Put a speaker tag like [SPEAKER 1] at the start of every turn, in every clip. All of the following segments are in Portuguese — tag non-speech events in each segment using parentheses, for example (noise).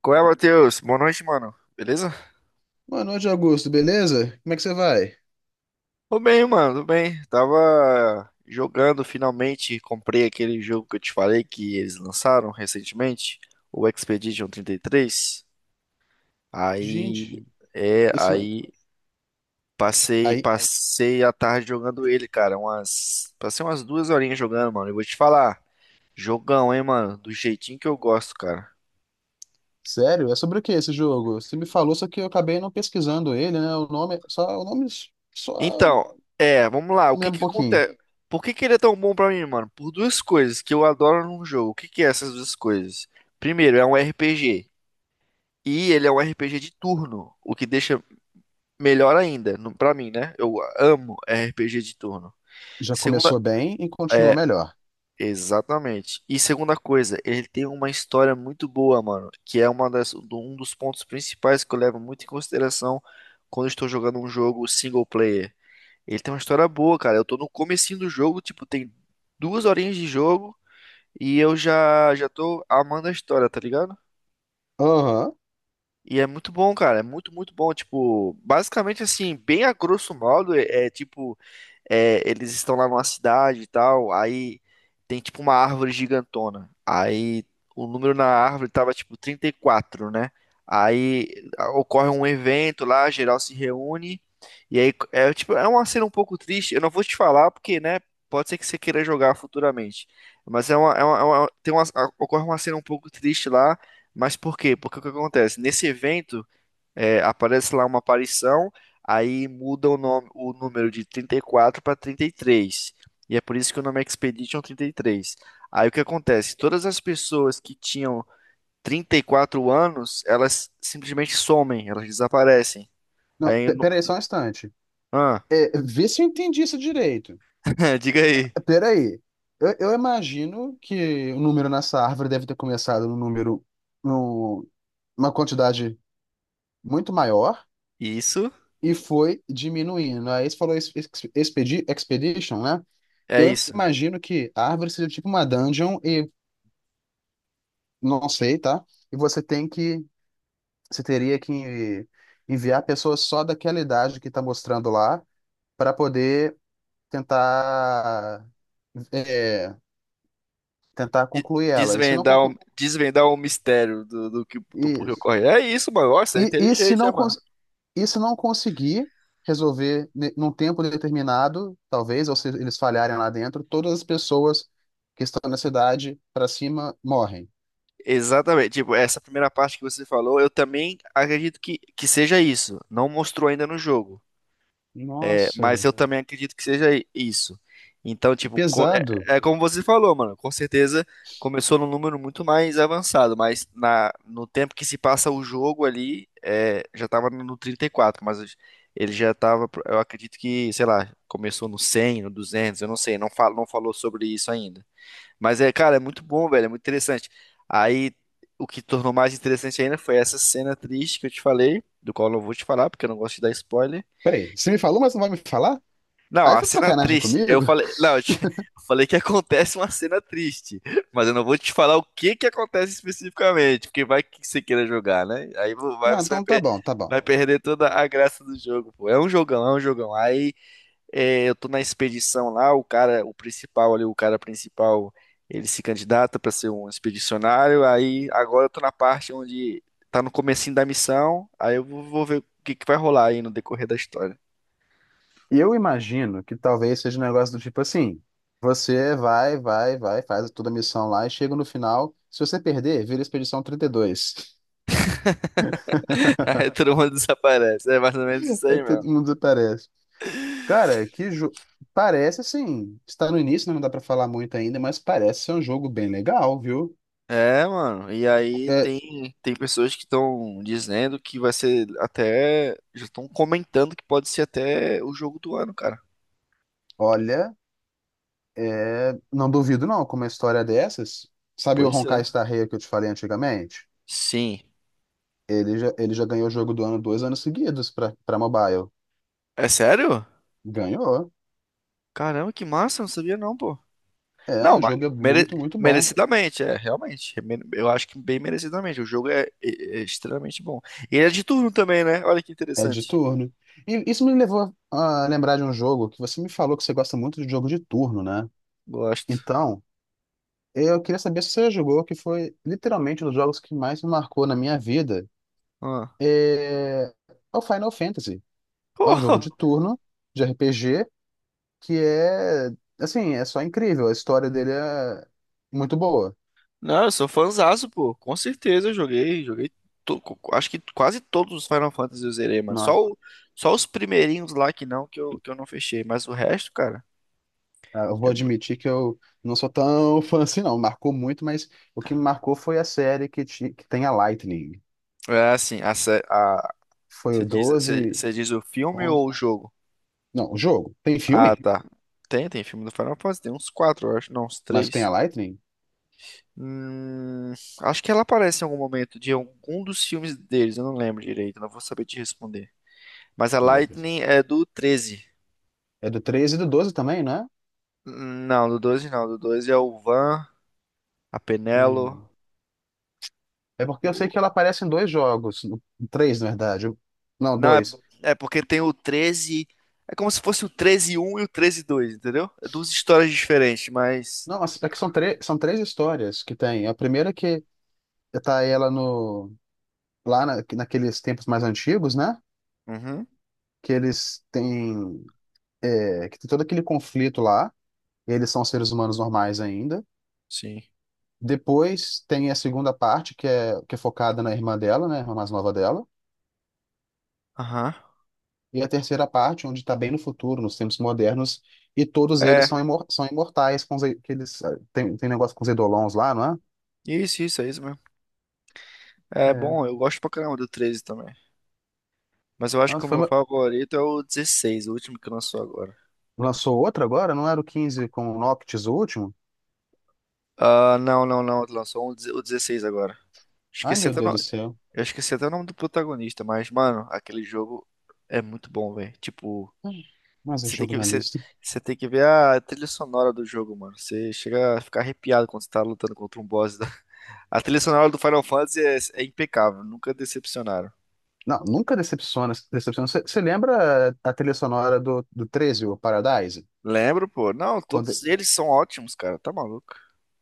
[SPEAKER 1] Qual é, Matheus? Boa noite, mano. Beleza?
[SPEAKER 2] Boa noite, Augusto, beleza? Como é que você vai?
[SPEAKER 1] Tô bem, mano, tô bem. Tava jogando finalmente, comprei aquele jogo que eu te falei que eles lançaram recentemente, o Expedition 33. Aí,
[SPEAKER 2] Gente,
[SPEAKER 1] é,
[SPEAKER 2] isso não...
[SPEAKER 1] aí passei,
[SPEAKER 2] Aí,
[SPEAKER 1] passei a tarde jogando ele, cara, umas, passei umas duas horinhas jogando, mano. Eu vou te falar, jogão, hein, mano, do jeitinho que eu gosto, cara.
[SPEAKER 2] sério? É sobre o que esse jogo? Você me falou, só que eu acabei não pesquisando ele, né? O nome só me
[SPEAKER 1] Então, é, vamos lá. O que
[SPEAKER 2] lembra um
[SPEAKER 1] que
[SPEAKER 2] pouquinho.
[SPEAKER 1] acontece? Por que que ele é tão bom pra mim, mano? Por duas coisas que eu adoro num jogo. O que que é essas duas coisas? Primeiro, é um RPG. E ele é um RPG de turno, o que deixa melhor ainda, pra mim, né? Eu amo RPG de turno.
[SPEAKER 2] Já
[SPEAKER 1] Segunda,
[SPEAKER 2] começou bem e continua
[SPEAKER 1] é,
[SPEAKER 2] melhor.
[SPEAKER 1] exatamente. E segunda coisa, ele tem uma história muito boa, mano, que é uma das, um dos pontos principais que eu levo muito em consideração quando estou jogando um jogo single player. Ele tem uma história boa, cara. Eu tô no comecinho do jogo, tipo, tem duas horinhas de jogo e eu já tô amando a história, tá ligado?
[SPEAKER 2] Aham.
[SPEAKER 1] E é muito bom, cara. É muito, muito bom. Tipo, basicamente assim, bem a grosso modo, tipo, eles estão lá numa cidade e tal, aí tem tipo uma árvore gigantona. Aí o número na árvore tava tipo 34, né? Aí ocorre um evento lá, geral se reúne, e aí é tipo, é uma cena um pouco triste. Eu não vou te falar porque, né, pode ser que você queira jogar futuramente. Mas ocorre uma cena um pouco triste lá, mas por quê? Porque o que acontece? Nesse evento é, aparece lá uma aparição, aí muda o nome, o número de 34 para 33, e é por isso que o nome é Expedition 33. Aí o que acontece? Todas as pessoas que tinham 34 anos, elas simplesmente somem, elas desaparecem.
[SPEAKER 2] Não,
[SPEAKER 1] Aí, no-
[SPEAKER 2] peraí, só um instante.
[SPEAKER 1] ah,
[SPEAKER 2] É, vê se eu entendi isso direito.
[SPEAKER 1] (laughs) diga aí.
[SPEAKER 2] Peraí. Eu imagino que o número nessa árvore deve ter começado no número, num- uma quantidade muito maior.
[SPEAKER 1] Isso
[SPEAKER 2] E foi diminuindo. Aí você falou Expedition, né?
[SPEAKER 1] é
[SPEAKER 2] Eu
[SPEAKER 1] isso.
[SPEAKER 2] imagino que a árvore seja tipo uma dungeon e não sei, tá? E você teria que enviar pessoas só daquela idade que tá mostrando lá para poder tentar é, tentar concluir ela. E se não
[SPEAKER 1] Desvendar o,
[SPEAKER 2] concluir,
[SPEAKER 1] desvendar o mistério do, do porquê
[SPEAKER 2] isso.
[SPEAKER 1] ocorre. É isso, mano. Nossa, é
[SPEAKER 2] E, e se
[SPEAKER 1] inteligente, né,
[SPEAKER 2] não,
[SPEAKER 1] mano?
[SPEAKER 2] cons- e se não conseguir resolver num tempo determinado, talvez, ou se eles falharem lá dentro, todas as pessoas que estão na cidade para cima morrem.
[SPEAKER 1] Exatamente. Tipo, essa primeira parte que você falou, eu também acredito que seja isso. Não mostrou ainda no jogo, é, mas
[SPEAKER 2] Nossa,
[SPEAKER 1] eu também acredito que seja isso. Então,
[SPEAKER 2] que
[SPEAKER 1] tipo,
[SPEAKER 2] pesado.
[SPEAKER 1] é, é como você falou, mano. Com certeza começou num número muito mais avançado, mas na, no tempo que se passa o jogo ali, é, já tava no 34, mas ele já tava, eu acredito que, sei lá, começou no 100, no 200, eu não sei, não falo, não falou sobre isso ainda. Mas é, cara, é muito bom, velho, é muito interessante. Aí, o que tornou mais interessante ainda foi essa cena triste que eu te falei, do qual eu não vou te falar, porque eu não gosto de dar spoiler.
[SPEAKER 2] Peraí, você me falou, mas não vai me falar?
[SPEAKER 1] Não,
[SPEAKER 2] Aí
[SPEAKER 1] a
[SPEAKER 2] tá de
[SPEAKER 1] cena
[SPEAKER 2] sacanagem
[SPEAKER 1] triste, eu
[SPEAKER 2] comigo?
[SPEAKER 1] falei, não, (laughs) eu falei que acontece uma cena triste, mas eu não vou te falar o que que acontece especificamente, porque vai que você queira jogar, né?
[SPEAKER 2] Não,
[SPEAKER 1] Você vai,
[SPEAKER 2] então tá bom, tá bom.
[SPEAKER 1] vai perder toda a graça do jogo, pô. É um jogão, é um jogão. Aí é, eu tô na expedição lá, o cara, o principal ali, o cara principal, ele se candidata para ser um expedicionário, aí agora eu tô na parte onde tá no comecinho da missão, aí eu vou, vou ver o que que vai rolar aí no decorrer da história.
[SPEAKER 2] Eu imagino que talvez seja um negócio do tipo assim: você vai, faz toda a missão lá e chega no final. Se você perder, vira Expedição 32.
[SPEAKER 1] (laughs) Aí todo mundo desaparece, é mais ou menos isso aí
[SPEAKER 2] (laughs)
[SPEAKER 1] mesmo.
[SPEAKER 2] Todo mundo parece. (laughs) Cara, parece assim, está no início, né, não dá pra falar muito ainda, mas parece ser um jogo bem legal, viu?
[SPEAKER 1] É, mano, e aí
[SPEAKER 2] É,
[SPEAKER 1] tem, tem pessoas que estão dizendo que vai ser até, já estão comentando que pode ser até o jogo do ano, cara.
[SPEAKER 2] olha, não duvido não, com uma história dessas. Sabe o
[SPEAKER 1] Pois é.
[SPEAKER 2] Honkai Star Rail que eu te falei antigamente?
[SPEAKER 1] Sim.
[SPEAKER 2] Ele já ganhou o jogo do ano 2 anos seguidos pra para mobile.
[SPEAKER 1] É sério?
[SPEAKER 2] Ganhou.
[SPEAKER 1] Caramba, que massa, não sabia não, pô.
[SPEAKER 2] É,
[SPEAKER 1] Não,
[SPEAKER 2] o
[SPEAKER 1] mas
[SPEAKER 2] jogo é muito, muito bom.
[SPEAKER 1] merecidamente, é, realmente. Eu acho que bem merecidamente. O jogo é, é extremamente bom. E ele é de turno também, né? Olha que
[SPEAKER 2] É de
[SPEAKER 1] interessante.
[SPEAKER 2] turno. E isso me levou a lembrar de um jogo que você me falou que você gosta muito de jogo de turno, né?
[SPEAKER 1] Gosto.
[SPEAKER 2] Então, eu queria saber se você já jogou, que foi literalmente um dos jogos que mais me marcou na minha vida.
[SPEAKER 1] Ah.
[SPEAKER 2] É o Final Fantasy. É
[SPEAKER 1] Pô,
[SPEAKER 2] um jogo de turno, de RPG, que é, assim, é só incrível. A história dele é muito boa.
[SPEAKER 1] não, eu sou fãzaço, pô. Com certeza eu joguei, joguei. Acho que quase todos os Final Fantasy eu zerei, mano.
[SPEAKER 2] Nossa.
[SPEAKER 1] Só os primeirinhos lá que não, que eu não fechei. Mas o resto, cara.
[SPEAKER 2] Ah, eu vou
[SPEAKER 1] É, mu-
[SPEAKER 2] admitir que eu não sou tão (laughs) fã assim, não. Marcou muito, mas o que me marcou foi a série que tem a Lightning.
[SPEAKER 1] é assim, a, sé- a,
[SPEAKER 2] Foi
[SPEAKER 1] você
[SPEAKER 2] o
[SPEAKER 1] diz, você,
[SPEAKER 2] 12.
[SPEAKER 1] você diz o filme
[SPEAKER 2] 11.
[SPEAKER 1] ou o jogo?
[SPEAKER 2] Não, o jogo. Tem
[SPEAKER 1] Ah,
[SPEAKER 2] filme,
[SPEAKER 1] tá. Tem, tem filme do Final Fantasy, tem uns quatro, eu acho. Não, uns
[SPEAKER 2] mas tem a
[SPEAKER 1] três.
[SPEAKER 2] Lightning?
[SPEAKER 1] Hum, acho que ela aparece em algum momento de algum dos filmes deles, eu não lembro direito, não vou saber te responder. Mas a
[SPEAKER 2] Meu Deus.
[SPEAKER 1] Lightning é do 13.
[SPEAKER 2] É do 13 e do 12 também, né?
[SPEAKER 1] Não, do 12, não, do 12 é o Van, a Penelo.
[SPEAKER 2] É porque eu sei que
[SPEAKER 1] o-
[SPEAKER 2] ela aparece em dois jogos, três, na verdade. Não,
[SPEAKER 1] Não, é,
[SPEAKER 2] dois.
[SPEAKER 1] é porque tem o 13. É como se fosse o treze um e o treze dois, entendeu? É duas histórias diferentes, mas.
[SPEAKER 2] Não, mas é que são três histórias que tem. A primeira que tá ela no, lá na- naqueles tempos mais antigos, né?
[SPEAKER 1] Uhum,
[SPEAKER 2] Que eles têm, que tem todo aquele conflito lá. Eles são seres humanos normais ainda.
[SPEAKER 1] sim.
[SPEAKER 2] Depois tem a segunda parte, que é focada na irmã dela, né? A mais nova dela.
[SPEAKER 1] Aham.
[SPEAKER 2] E a terceira parte, onde está bem no futuro, nos tempos modernos, e todos eles são,
[SPEAKER 1] É,
[SPEAKER 2] imor- são imortais, com que eles tem negócio com os Eidolons lá, não
[SPEAKER 1] isso, é isso mesmo.
[SPEAKER 2] é?
[SPEAKER 1] É
[SPEAKER 2] É.
[SPEAKER 1] bom, eu gosto pra caramba do 13 também. Mas eu acho que
[SPEAKER 2] Nossa,
[SPEAKER 1] o meu favorito é o 16, o último que lançou agora.
[SPEAKER 2] lançou outra agora? Não era o 15 com o Noctis, o último?
[SPEAKER 1] Ah, não, não, não. Lançou um, o 16 agora.
[SPEAKER 2] Ai,
[SPEAKER 1] Esqueci
[SPEAKER 2] meu
[SPEAKER 1] até o
[SPEAKER 2] Deus do
[SPEAKER 1] nome.
[SPEAKER 2] céu.
[SPEAKER 1] Eu esqueci até o nome do protagonista, mas, mano, aquele jogo é muito bom, velho. Tipo,
[SPEAKER 2] Ai, mais um
[SPEAKER 1] você tem
[SPEAKER 2] jogo
[SPEAKER 1] que ver,
[SPEAKER 2] na
[SPEAKER 1] você,
[SPEAKER 2] lista.
[SPEAKER 1] você tem que ver a trilha sonora do jogo, mano. Você chega a ficar arrepiado quando você tá lutando contra um boss. (laughs) A trilha sonora do Final Fantasy é, é impecável, nunca decepcionaram.
[SPEAKER 2] Não, nunca decepciona. Você lembra a trilha sonora do 13 o Paradise?
[SPEAKER 1] Lembro, pô. Não,
[SPEAKER 2] Quando
[SPEAKER 1] todos eles são ótimos, cara. Tá maluco?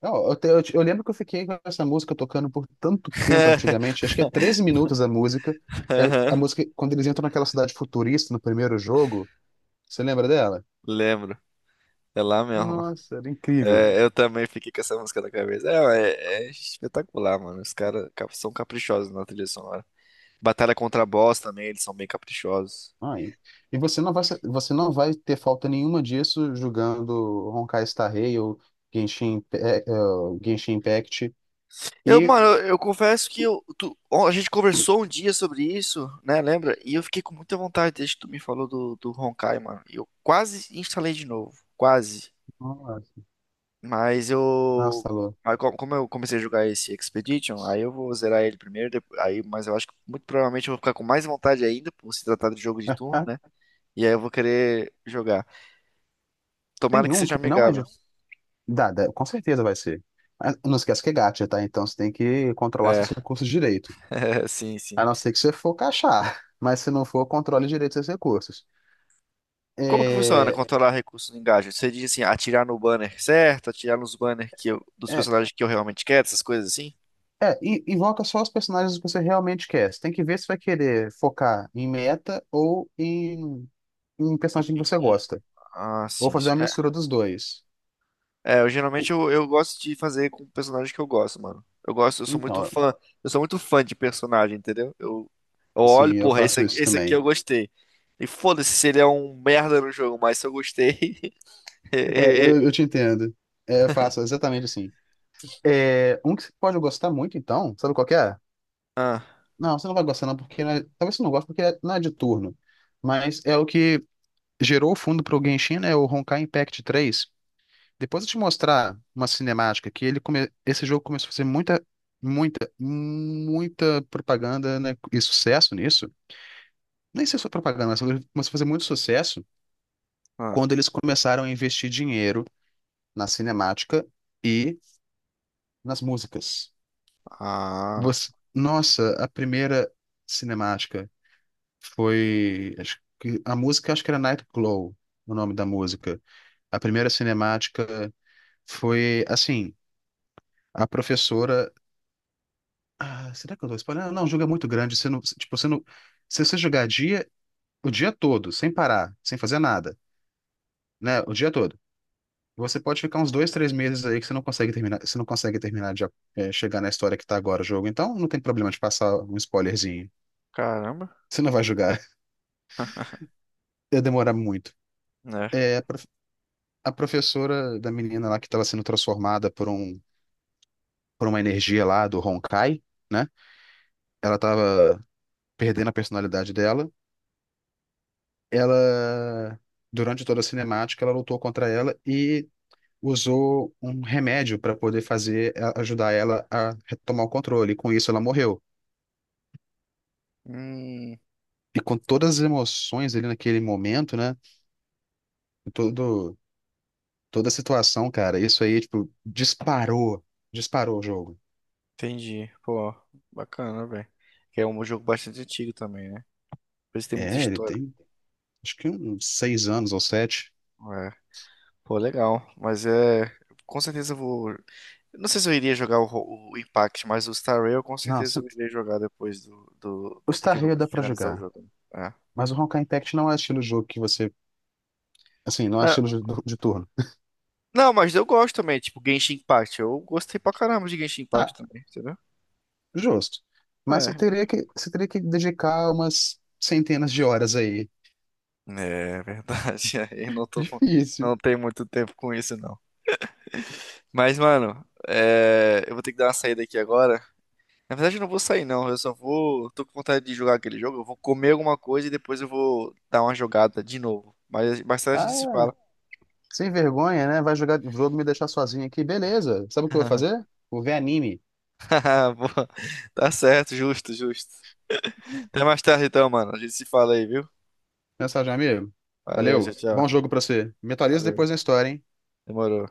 [SPEAKER 2] Não, eu lembro que eu fiquei com essa música tocando por tanto tempo
[SPEAKER 1] (laughs)
[SPEAKER 2] antigamente, acho que é 13 minutos a música. É a música quando eles entram naquela cidade futurista no primeiro jogo. Você lembra dela?
[SPEAKER 1] Lembro. É lá mesmo.
[SPEAKER 2] Nossa, era incrível.
[SPEAKER 1] É, eu também fiquei com essa música na cabeça. É, é, é espetacular, mano. São caprichosos na trilha sonora. Batalha contra a boss também, eles são bem caprichosos.
[SPEAKER 2] Ai. E você não vai ter falta nenhuma disso jogando Honkai Star Rail ou Genshin, Imp- é, é, Genshin Impact.
[SPEAKER 1] Eu,
[SPEAKER 2] E.
[SPEAKER 1] mano, eu confesso que eu, ó, a gente conversou um dia sobre isso, né? Lembra? E eu fiquei com muita vontade desde que tu me falou do, do Honkai, mano. E eu quase instalei de novo. Quase.
[SPEAKER 2] Nossa,
[SPEAKER 1] Mas eu.
[SPEAKER 2] nossa, Lô.
[SPEAKER 1] Aí, como eu comecei a jogar esse Expedition, aí eu vou zerar ele primeiro. Aí, mas eu acho que muito provavelmente eu vou ficar com mais vontade ainda, por se tratar de jogo de turno,
[SPEAKER 2] Ah,
[SPEAKER 1] né? E aí eu vou querer jogar. Tomara
[SPEAKER 2] tem
[SPEAKER 1] que
[SPEAKER 2] um
[SPEAKER 1] seja
[SPEAKER 2] que não é
[SPEAKER 1] amigável.
[SPEAKER 2] de. Dá, com certeza vai ser. Ah, não esquece que é gacha, tá? Então você tem que controlar
[SPEAKER 1] É,
[SPEAKER 2] seus recursos direito.
[SPEAKER 1] (laughs) sim, sim.
[SPEAKER 2] A não ser que você for cachar, (laughs) mas se não for, controle direito seus recursos.
[SPEAKER 1] Como que funciona
[SPEAKER 2] É,
[SPEAKER 1] controlar recursos no Engadget? Você diz assim, atirar no banner certo, atirar nos banners dos
[SPEAKER 2] é,
[SPEAKER 1] personagens que eu realmente quero, essas coisas assim?
[SPEAKER 2] invoca só os personagens que você realmente quer. Você tem que ver se vai querer focar em meta ou em um
[SPEAKER 1] Hum,
[SPEAKER 2] personagem que
[SPEAKER 1] hum,
[SPEAKER 2] você
[SPEAKER 1] hum.
[SPEAKER 2] gosta.
[SPEAKER 1] Ah,
[SPEAKER 2] Ou
[SPEAKER 1] sim,
[SPEAKER 2] fazer
[SPEAKER 1] sim.
[SPEAKER 2] uma mistura dos dois.
[SPEAKER 1] É, é, eu geralmente eu gosto de fazer com personagens que eu gosto, mano. Eu gosto, eu sou muito
[SPEAKER 2] Então,
[SPEAKER 1] fã, eu sou muito fã de personagem, entendeu? Eu olho,
[SPEAKER 2] sim, eu
[SPEAKER 1] porra,
[SPEAKER 2] faço isso
[SPEAKER 1] esse aqui
[SPEAKER 2] também.
[SPEAKER 1] eu gostei. E foda-se se ele é um merda no jogo, mas se eu gostei. (laughs)
[SPEAKER 2] É, eu te entendo. É, eu faço exatamente assim. É, um que você pode gostar muito, então, sabe qual que é?
[SPEAKER 1] Ah,
[SPEAKER 2] Não, você não vai gostar não, porque talvez você não goste porque não é de turno. Mas é o que gerou o fundo para o Genshin, né? O Honkai Impact 3. Depois eu te mostrar uma cinemática que esse jogo começou a fazer muita, muita, muita propaganda, né? E sucesso nisso. Nem sei se foi propaganda, mas ele começou a fazer muito sucesso
[SPEAKER 1] ah,
[SPEAKER 2] quando eles começaram a investir dinheiro na cinemática e nas músicas.
[SPEAKER 1] ah.
[SPEAKER 2] Nossa, a primeira cinemática foi. A música acho que era Night Glow, o nome da música. A primeira cinemática. Foi assim, a professora. Ah, será que eu tô spoiler? Não, o jogo é muito grande. Você não, tipo, você não, se você jogar o dia todo, sem parar, sem fazer nada, né? O dia todo. Você pode ficar uns 2, 3 meses aí que você não consegue terminar de chegar na história que tá agora o jogo. Então não tem problema de passar um spoilerzinho.
[SPEAKER 1] Caramba.
[SPEAKER 2] Você não vai jogar. (laughs)
[SPEAKER 1] (laughs)
[SPEAKER 2] Ia demorar muito.
[SPEAKER 1] Né?
[SPEAKER 2] É, a professora da menina lá que estava sendo transformada por uma energia lá do Honkai, né? Ela tava perdendo a personalidade dela ela, Durante toda a cinemática, ela lutou contra ela e usou um remédio para poder ajudar ela a retomar o controle. E com isso ela morreu.
[SPEAKER 1] Hum,
[SPEAKER 2] E com todas as emoções ali naquele momento, né? Todo, toda a situação, cara, isso aí, tipo, disparou o jogo.
[SPEAKER 1] entendi. Pô, bacana, velho. Que é um jogo bastante antigo também, né? Por isso tem muita
[SPEAKER 2] É, ele
[SPEAKER 1] história.
[SPEAKER 2] tem, acho que uns 6 anos ou 7.
[SPEAKER 1] É. Pô, legal. Mas é. Com certeza eu vou. Eu não sei se eu iria jogar o, o Impact, mas o Star Rail com
[SPEAKER 2] Não,
[SPEAKER 1] certeza eu irei jogar depois do, do,
[SPEAKER 2] o
[SPEAKER 1] de
[SPEAKER 2] Star
[SPEAKER 1] que eu
[SPEAKER 2] Rail dá pra
[SPEAKER 1] finalizar o
[SPEAKER 2] jogar.
[SPEAKER 1] jogo. Né?
[SPEAKER 2] Mas o Honkai Impact não é estilo de jogo que você, assim, não é
[SPEAKER 1] É.
[SPEAKER 2] estilo
[SPEAKER 1] É.
[SPEAKER 2] de turno.
[SPEAKER 1] Não, mas eu gosto também, tipo, Genshin Impact. Eu gostei pra caramba de Genshin Impact
[SPEAKER 2] Ah,
[SPEAKER 1] também, entendeu?
[SPEAKER 2] justo. Mas você
[SPEAKER 1] É.
[SPEAKER 2] teria que, você teria que dedicar umas centenas de horas aí.
[SPEAKER 1] É verdade. (laughs) Aí não
[SPEAKER 2] (laughs)
[SPEAKER 1] tô, com-
[SPEAKER 2] Difícil.
[SPEAKER 1] não tenho muito tempo com isso, não. Mas, mano, é, eu vou ter que dar uma saída aqui agora. Na verdade, eu não vou sair, não. Eu só vou. Tô com vontade de jogar aquele jogo. Eu vou comer alguma coisa e depois eu vou dar uma jogada de novo. Mas mais tarde a gente se
[SPEAKER 2] Ah,
[SPEAKER 1] fala.
[SPEAKER 2] sem vergonha, né? Vai jogar jogo me deixar sozinho aqui. Beleza. Sabe o que eu vou
[SPEAKER 1] (laughs)
[SPEAKER 2] fazer? Vou ver anime.
[SPEAKER 1] Boa. Tá certo, justo, justo. Até mais tarde, então, mano. A gente se fala aí, viu?
[SPEAKER 2] Mensagem, amigo.
[SPEAKER 1] Valeu, tchau,
[SPEAKER 2] Valeu. Bom
[SPEAKER 1] tchau.
[SPEAKER 2] jogo pra você. Me atualiza
[SPEAKER 1] Valeu.
[SPEAKER 2] depois na história, hein?
[SPEAKER 1] Demorou.